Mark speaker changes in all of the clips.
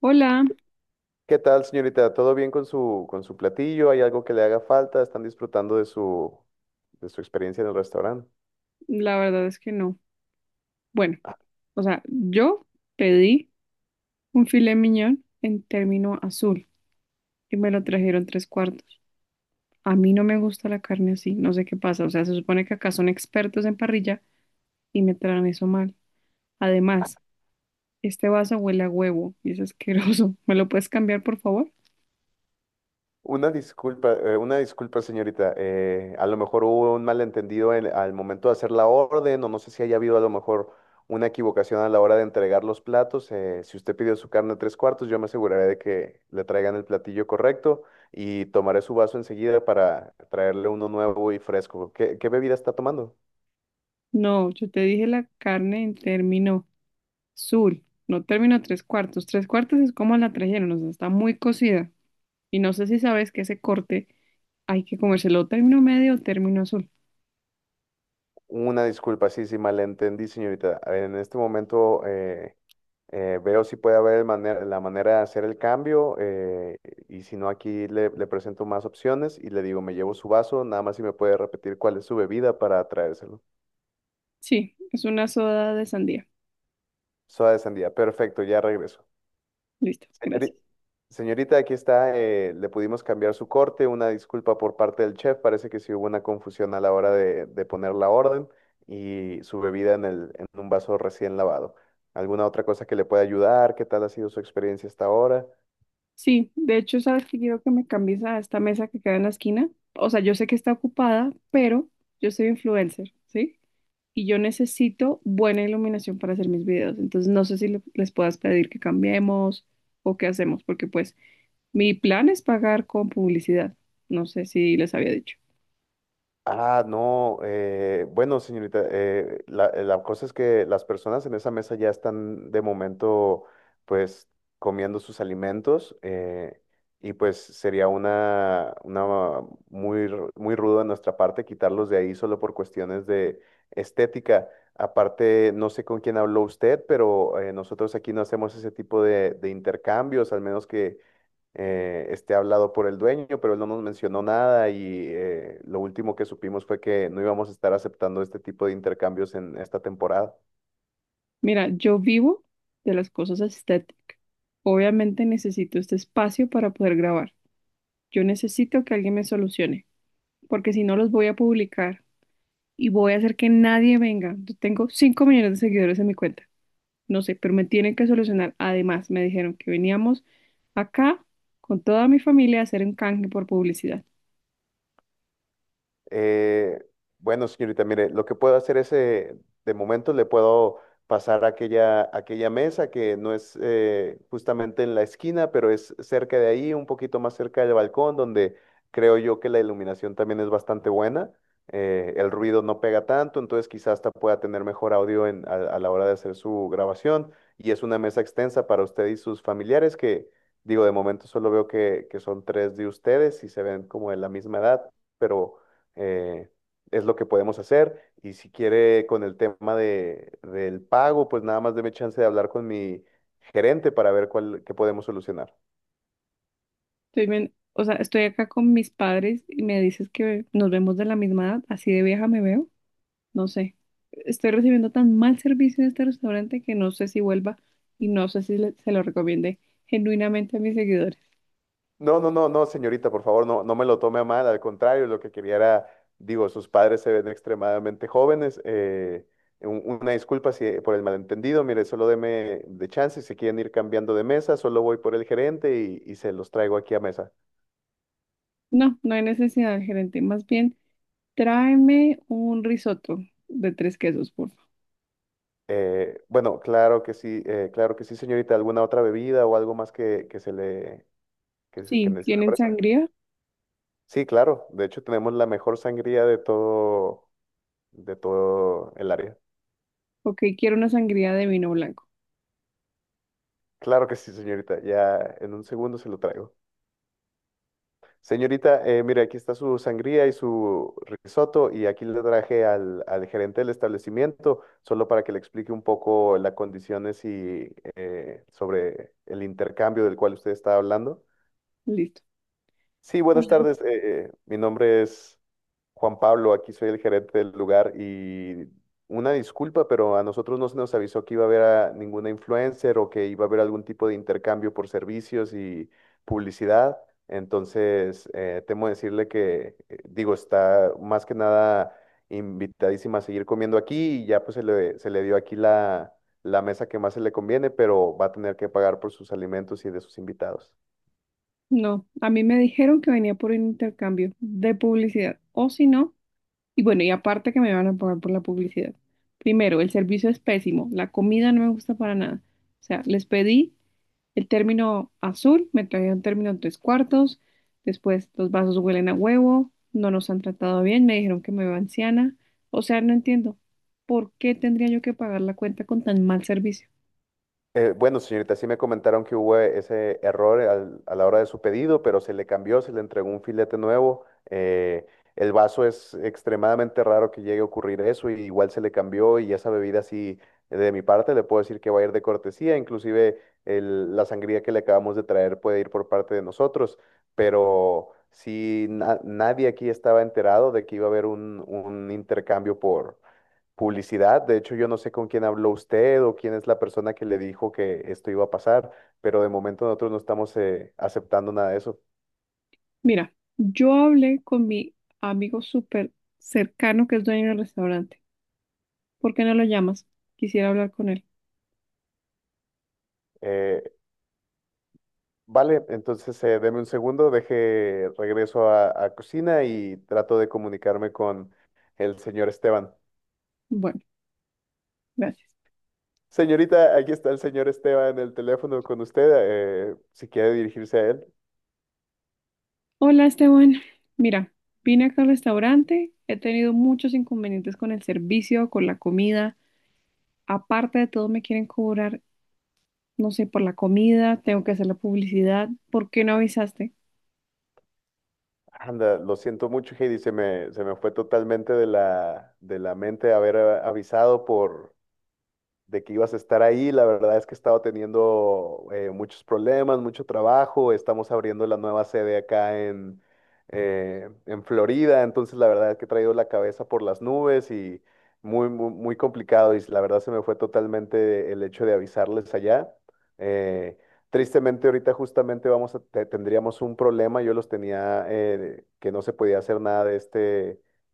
Speaker 1: Hola,
Speaker 2: ¿Qué tal, señorita? ¿Todo bien con su platillo? ¿Hay algo que le haga falta? ¿Están disfrutando de su experiencia en el restaurante?
Speaker 1: la verdad es que no. Bueno, yo pedí un filet mignon en término azul y me lo trajeron tres cuartos. A mí no me gusta la carne así, no sé qué pasa. O sea, se supone que acá son expertos en parrilla y me traen eso mal. Además, este vaso huele a huevo y es asqueroso. ¿Me lo puedes cambiar, por favor?
Speaker 2: Una disculpa, señorita. A lo mejor hubo un malentendido al momento de hacer la orden, o no sé si haya habido a lo mejor una equivocación a la hora de entregar los platos. Si usted pidió su carne tres cuartos, yo me aseguraré de que le traigan el platillo correcto y tomaré su vaso enseguida para traerle uno nuevo y fresco. ¿Qué bebida está tomando?
Speaker 1: No, yo te dije la carne en término azul, no término tres cuartos. Tres cuartos es como la trajeron, o sea, está muy cocida. Y no sé si sabes que ese corte hay que comérselo término medio o término azul.
Speaker 2: Una disculpa, sí, sí, malentendí, señorita. En este momento veo si puede haber la manera de hacer el cambio, y si no, aquí le presento más opciones y le digo, me llevo su vaso, nada más si me puede repetir cuál es su bebida para traérselo.
Speaker 1: Sí, es una soda de sandía.
Speaker 2: Soda de sandía, perfecto, ya regreso.
Speaker 1: Listo,
Speaker 2: Señorita.
Speaker 1: gracias.
Speaker 2: Señorita, aquí está. Le pudimos cambiar su corte. Una disculpa por parte del chef. Parece que sí hubo una confusión a la hora de poner la orden y su bebida en un vaso recién lavado. ¿Alguna otra cosa que le pueda ayudar? ¿Qué tal ha sido su experiencia hasta ahora?
Speaker 1: Sí, de hecho, sabes que quiero que me cambies a esta mesa que queda en la esquina. O sea, yo sé que está ocupada, pero yo soy influencer, ¿sí? Y yo necesito buena iluminación para hacer mis videos. Entonces, no sé si les puedas pedir que cambiemos o qué hacemos, porque pues mi plan es pagar con publicidad. No sé si les había dicho.
Speaker 2: Ah, no, bueno, señorita, la cosa es que las personas en esa mesa ya están de momento, pues, comiendo sus alimentos, y pues sería una muy rudo de nuestra parte quitarlos de ahí solo por cuestiones de estética. Aparte, no sé con quién habló usted, pero nosotros aquí no hacemos ese tipo de intercambios, al menos que esté hablado por el dueño, pero él no nos mencionó nada y lo último que supimos fue que no íbamos a estar aceptando este tipo de intercambios en esta temporada.
Speaker 1: Mira, yo vivo de las cosas estéticas. Obviamente necesito este espacio para poder grabar. Yo necesito que alguien me solucione, porque si no los voy a publicar y voy a hacer que nadie venga. Yo tengo 5 millones de seguidores en mi cuenta. No sé, pero me tienen que solucionar. Además, me dijeron que veníamos acá con toda mi familia a hacer un canje por publicidad.
Speaker 2: Eh, bueno, señorita, mire, lo que puedo hacer es, de momento le puedo pasar aquella mesa que no es, justamente en la esquina, pero es cerca de ahí, un poquito más cerca del balcón, donde creo yo que la iluminación también es bastante buena. El ruido no pega tanto, entonces quizás hasta pueda tener mejor audio a la hora de hacer su grabación. Y es una mesa extensa para usted y sus familiares que, digo, de momento solo veo que son tres de ustedes y se ven como de la misma edad, pero eh, es lo que podemos hacer. Y si quiere con el tema del pago, pues nada más deme chance de hablar con mi gerente para ver cuál, qué podemos solucionar.
Speaker 1: Estoy ven- o sea, Estoy acá con mis padres y me dices que nos vemos de la misma edad. Así de vieja me veo. No sé, estoy recibiendo tan mal servicio en este restaurante que no sé si vuelva y no sé si se lo recomiende genuinamente a mis seguidores.
Speaker 2: No, no, no, no, señorita, por favor, no, no me lo tome a mal. Al contrario, lo que quería era, digo, sus padres se ven extremadamente jóvenes. Una disculpa si, por el malentendido. Mire, solo deme de chance. Si quieren ir cambiando de mesa, solo voy por el gerente y se los traigo aquí a mesa.
Speaker 1: No, no hay necesidad, gerente. Más bien, tráeme un risotto de tres quesos, por favor.
Speaker 2: Bueno, claro que sí, señorita. ¿Alguna otra bebida o algo más que se que
Speaker 1: Sí,
Speaker 2: les
Speaker 1: ¿tienen
Speaker 2: ofrezca?
Speaker 1: sangría?
Speaker 2: Sí, claro. De hecho, tenemos la mejor sangría de todo el área.
Speaker 1: Ok, quiero una sangría de vino blanco.
Speaker 2: Claro que sí, señorita. Ya en un segundo se lo traigo. Señorita, mire, aquí está su sangría y su risotto y aquí le traje al gerente del establecimiento solo para que le explique un poco las condiciones y sobre el intercambio del cual usted está hablando.
Speaker 1: Listo.
Speaker 2: Sí, buenas tardes. Mi nombre es Juan Pablo, aquí soy el gerente del lugar y una disculpa, pero a nosotros no se nos avisó que iba a haber a ninguna influencer o que iba a haber algún tipo de intercambio por servicios y publicidad. Entonces, temo decirle que, digo, está más que nada invitadísima a seguir comiendo aquí y ya pues se se le dio aquí la mesa que más se le conviene, pero va a tener que pagar por sus alimentos y de sus invitados.
Speaker 1: No, a mí me dijeron que venía por un intercambio de publicidad, o si no, y bueno, y aparte que me van a pagar por la publicidad. Primero, el servicio es pésimo, la comida no me gusta para nada. O sea, les pedí. El término azul me traía un término en tres cuartos. Después, los vasos huelen a huevo. No nos han tratado bien. Me dijeron que me veo anciana. O sea, no entiendo. ¿Por qué tendría yo que pagar la cuenta con tan mal servicio?
Speaker 2: Bueno, señorita, sí me comentaron que hubo ese error a la hora de su pedido, pero se le cambió, se le entregó un filete nuevo. eh, el vaso es extremadamente raro que llegue a ocurrir eso, y igual se le cambió y esa bebida sí, de mi parte, le puedo decir que va a ir de cortesía, inclusive la sangría que le acabamos de traer puede ir por parte de nosotros, pero si nadie aquí estaba enterado de que iba a haber un intercambio publicidad. De hecho, yo no sé con quién habló usted o quién es la persona que le dijo que esto iba a pasar, pero de momento nosotros no estamos aceptando nada de eso.
Speaker 1: Mira, yo hablé con mi amigo súper cercano que es dueño del restaurante. ¿Por qué no lo llamas? Quisiera hablar con él.
Speaker 2: Eh, vale, entonces deme un segundo, deje, regreso a cocina y trato de comunicarme con el señor Esteban.
Speaker 1: Bueno, gracias.
Speaker 2: Señorita, aquí está el señor Esteban en el teléfono con usted. Si quiere dirigirse a él.
Speaker 1: Hola, Esteban. Mira, vine acá al restaurante. He tenido muchos inconvenientes con el servicio, con la comida. Aparte de todo, me quieren cobrar, no sé, por la comida, tengo que hacer la publicidad. ¿Por qué no avisaste?
Speaker 2: Anda, lo siento mucho, Heidi. Se me fue totalmente de de la mente haber avisado de que ibas a estar ahí. La verdad es que he estado teniendo, muchos problemas, mucho trabajo. Estamos abriendo la nueva sede en Florida. Entonces, la verdad es que he traído la cabeza por las nubes y muy, muy, muy complicado. Y la verdad se me fue totalmente el hecho de avisarles allá. Eh, Tristemente, ahorita justamente tendríamos un problema. Yo los tenía, que no se podía hacer nada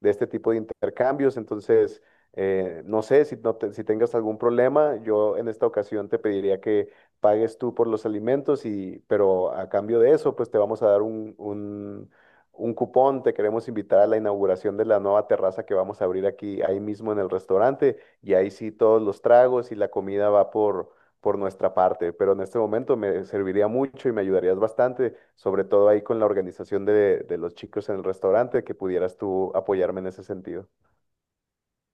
Speaker 2: de este tipo de intercambios. Entonces, no sé si tengas algún problema, yo en esta ocasión te pediría que pagues tú por los alimentos, y, pero a cambio de eso, pues te vamos a dar un cupón, te queremos invitar a la inauguración de la nueva terraza que vamos a abrir aquí, ahí mismo en el restaurante, y ahí sí todos los tragos y la comida va por nuestra parte, pero en este momento me serviría mucho y me ayudarías bastante, sobre todo ahí con la organización de los chicos en el restaurante, que pudieras tú apoyarme en ese sentido.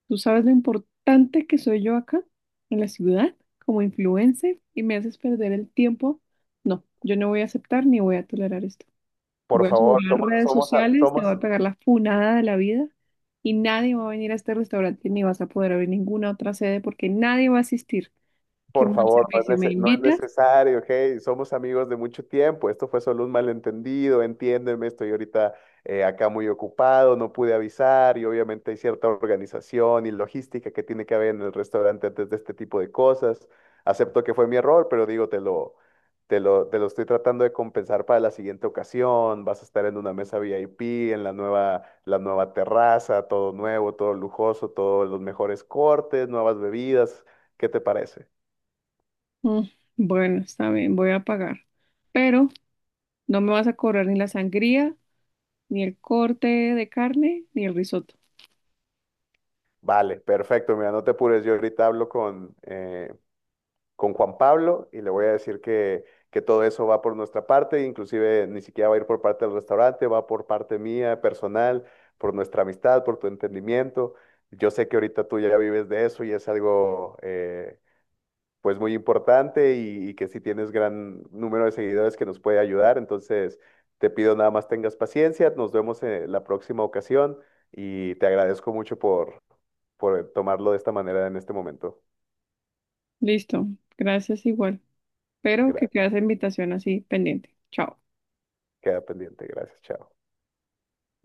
Speaker 1: ¿Tú sabes lo importante que soy yo acá en la ciudad como influencer y me haces perder el tiempo? No, yo no voy a aceptar ni voy a tolerar esto.
Speaker 2: Por
Speaker 1: Voy a subir
Speaker 2: favor,
Speaker 1: las redes sociales, te voy
Speaker 2: somos,
Speaker 1: a pegar la funada de la vida y nadie va a venir a este restaurante ni vas a poder abrir ninguna otra sede porque nadie va a asistir. Qué
Speaker 2: por
Speaker 1: mal
Speaker 2: favor,
Speaker 1: servicio. ¿Me
Speaker 2: no es
Speaker 1: invitas?
Speaker 2: necesario, hey, somos amigos de mucho tiempo, esto fue solo un malentendido, entiéndeme, estoy ahorita acá muy ocupado, no pude avisar y obviamente hay cierta organización y logística que tiene que haber en el restaurante antes de este tipo de cosas. Acepto que fue mi error, pero digo, te lo estoy tratando de compensar para la siguiente ocasión, vas a estar en una mesa VIP, en la nueva terraza, todo nuevo, todo lujoso, todos los mejores cortes, nuevas bebidas, ¿qué te parece?
Speaker 1: Mm, bueno, está bien, voy a pagar. Pero no me vas a cobrar ni la sangría, ni el corte de carne, ni el risotto.
Speaker 2: Vale, perfecto. Mira, no te apures. Yo ahorita hablo con Juan Pablo y le voy a decir que todo eso va por nuestra parte. Inclusive ni siquiera va a ir por parte del restaurante, va por parte mía, personal, por nuestra amistad, por tu entendimiento. Yo sé que ahorita tú ya vives de eso y es algo, pues muy importante y que si tienes gran número de seguidores que nos puede ayudar. Entonces, te pido nada más tengas paciencia, nos vemos en la próxima ocasión y te agradezco mucho por tomarlo de esta manera en este momento.
Speaker 1: Listo, gracias igual. Pero que
Speaker 2: Gracias.
Speaker 1: quede esa invitación así pendiente. Chao.
Speaker 2: Queda pendiente, gracias, chao.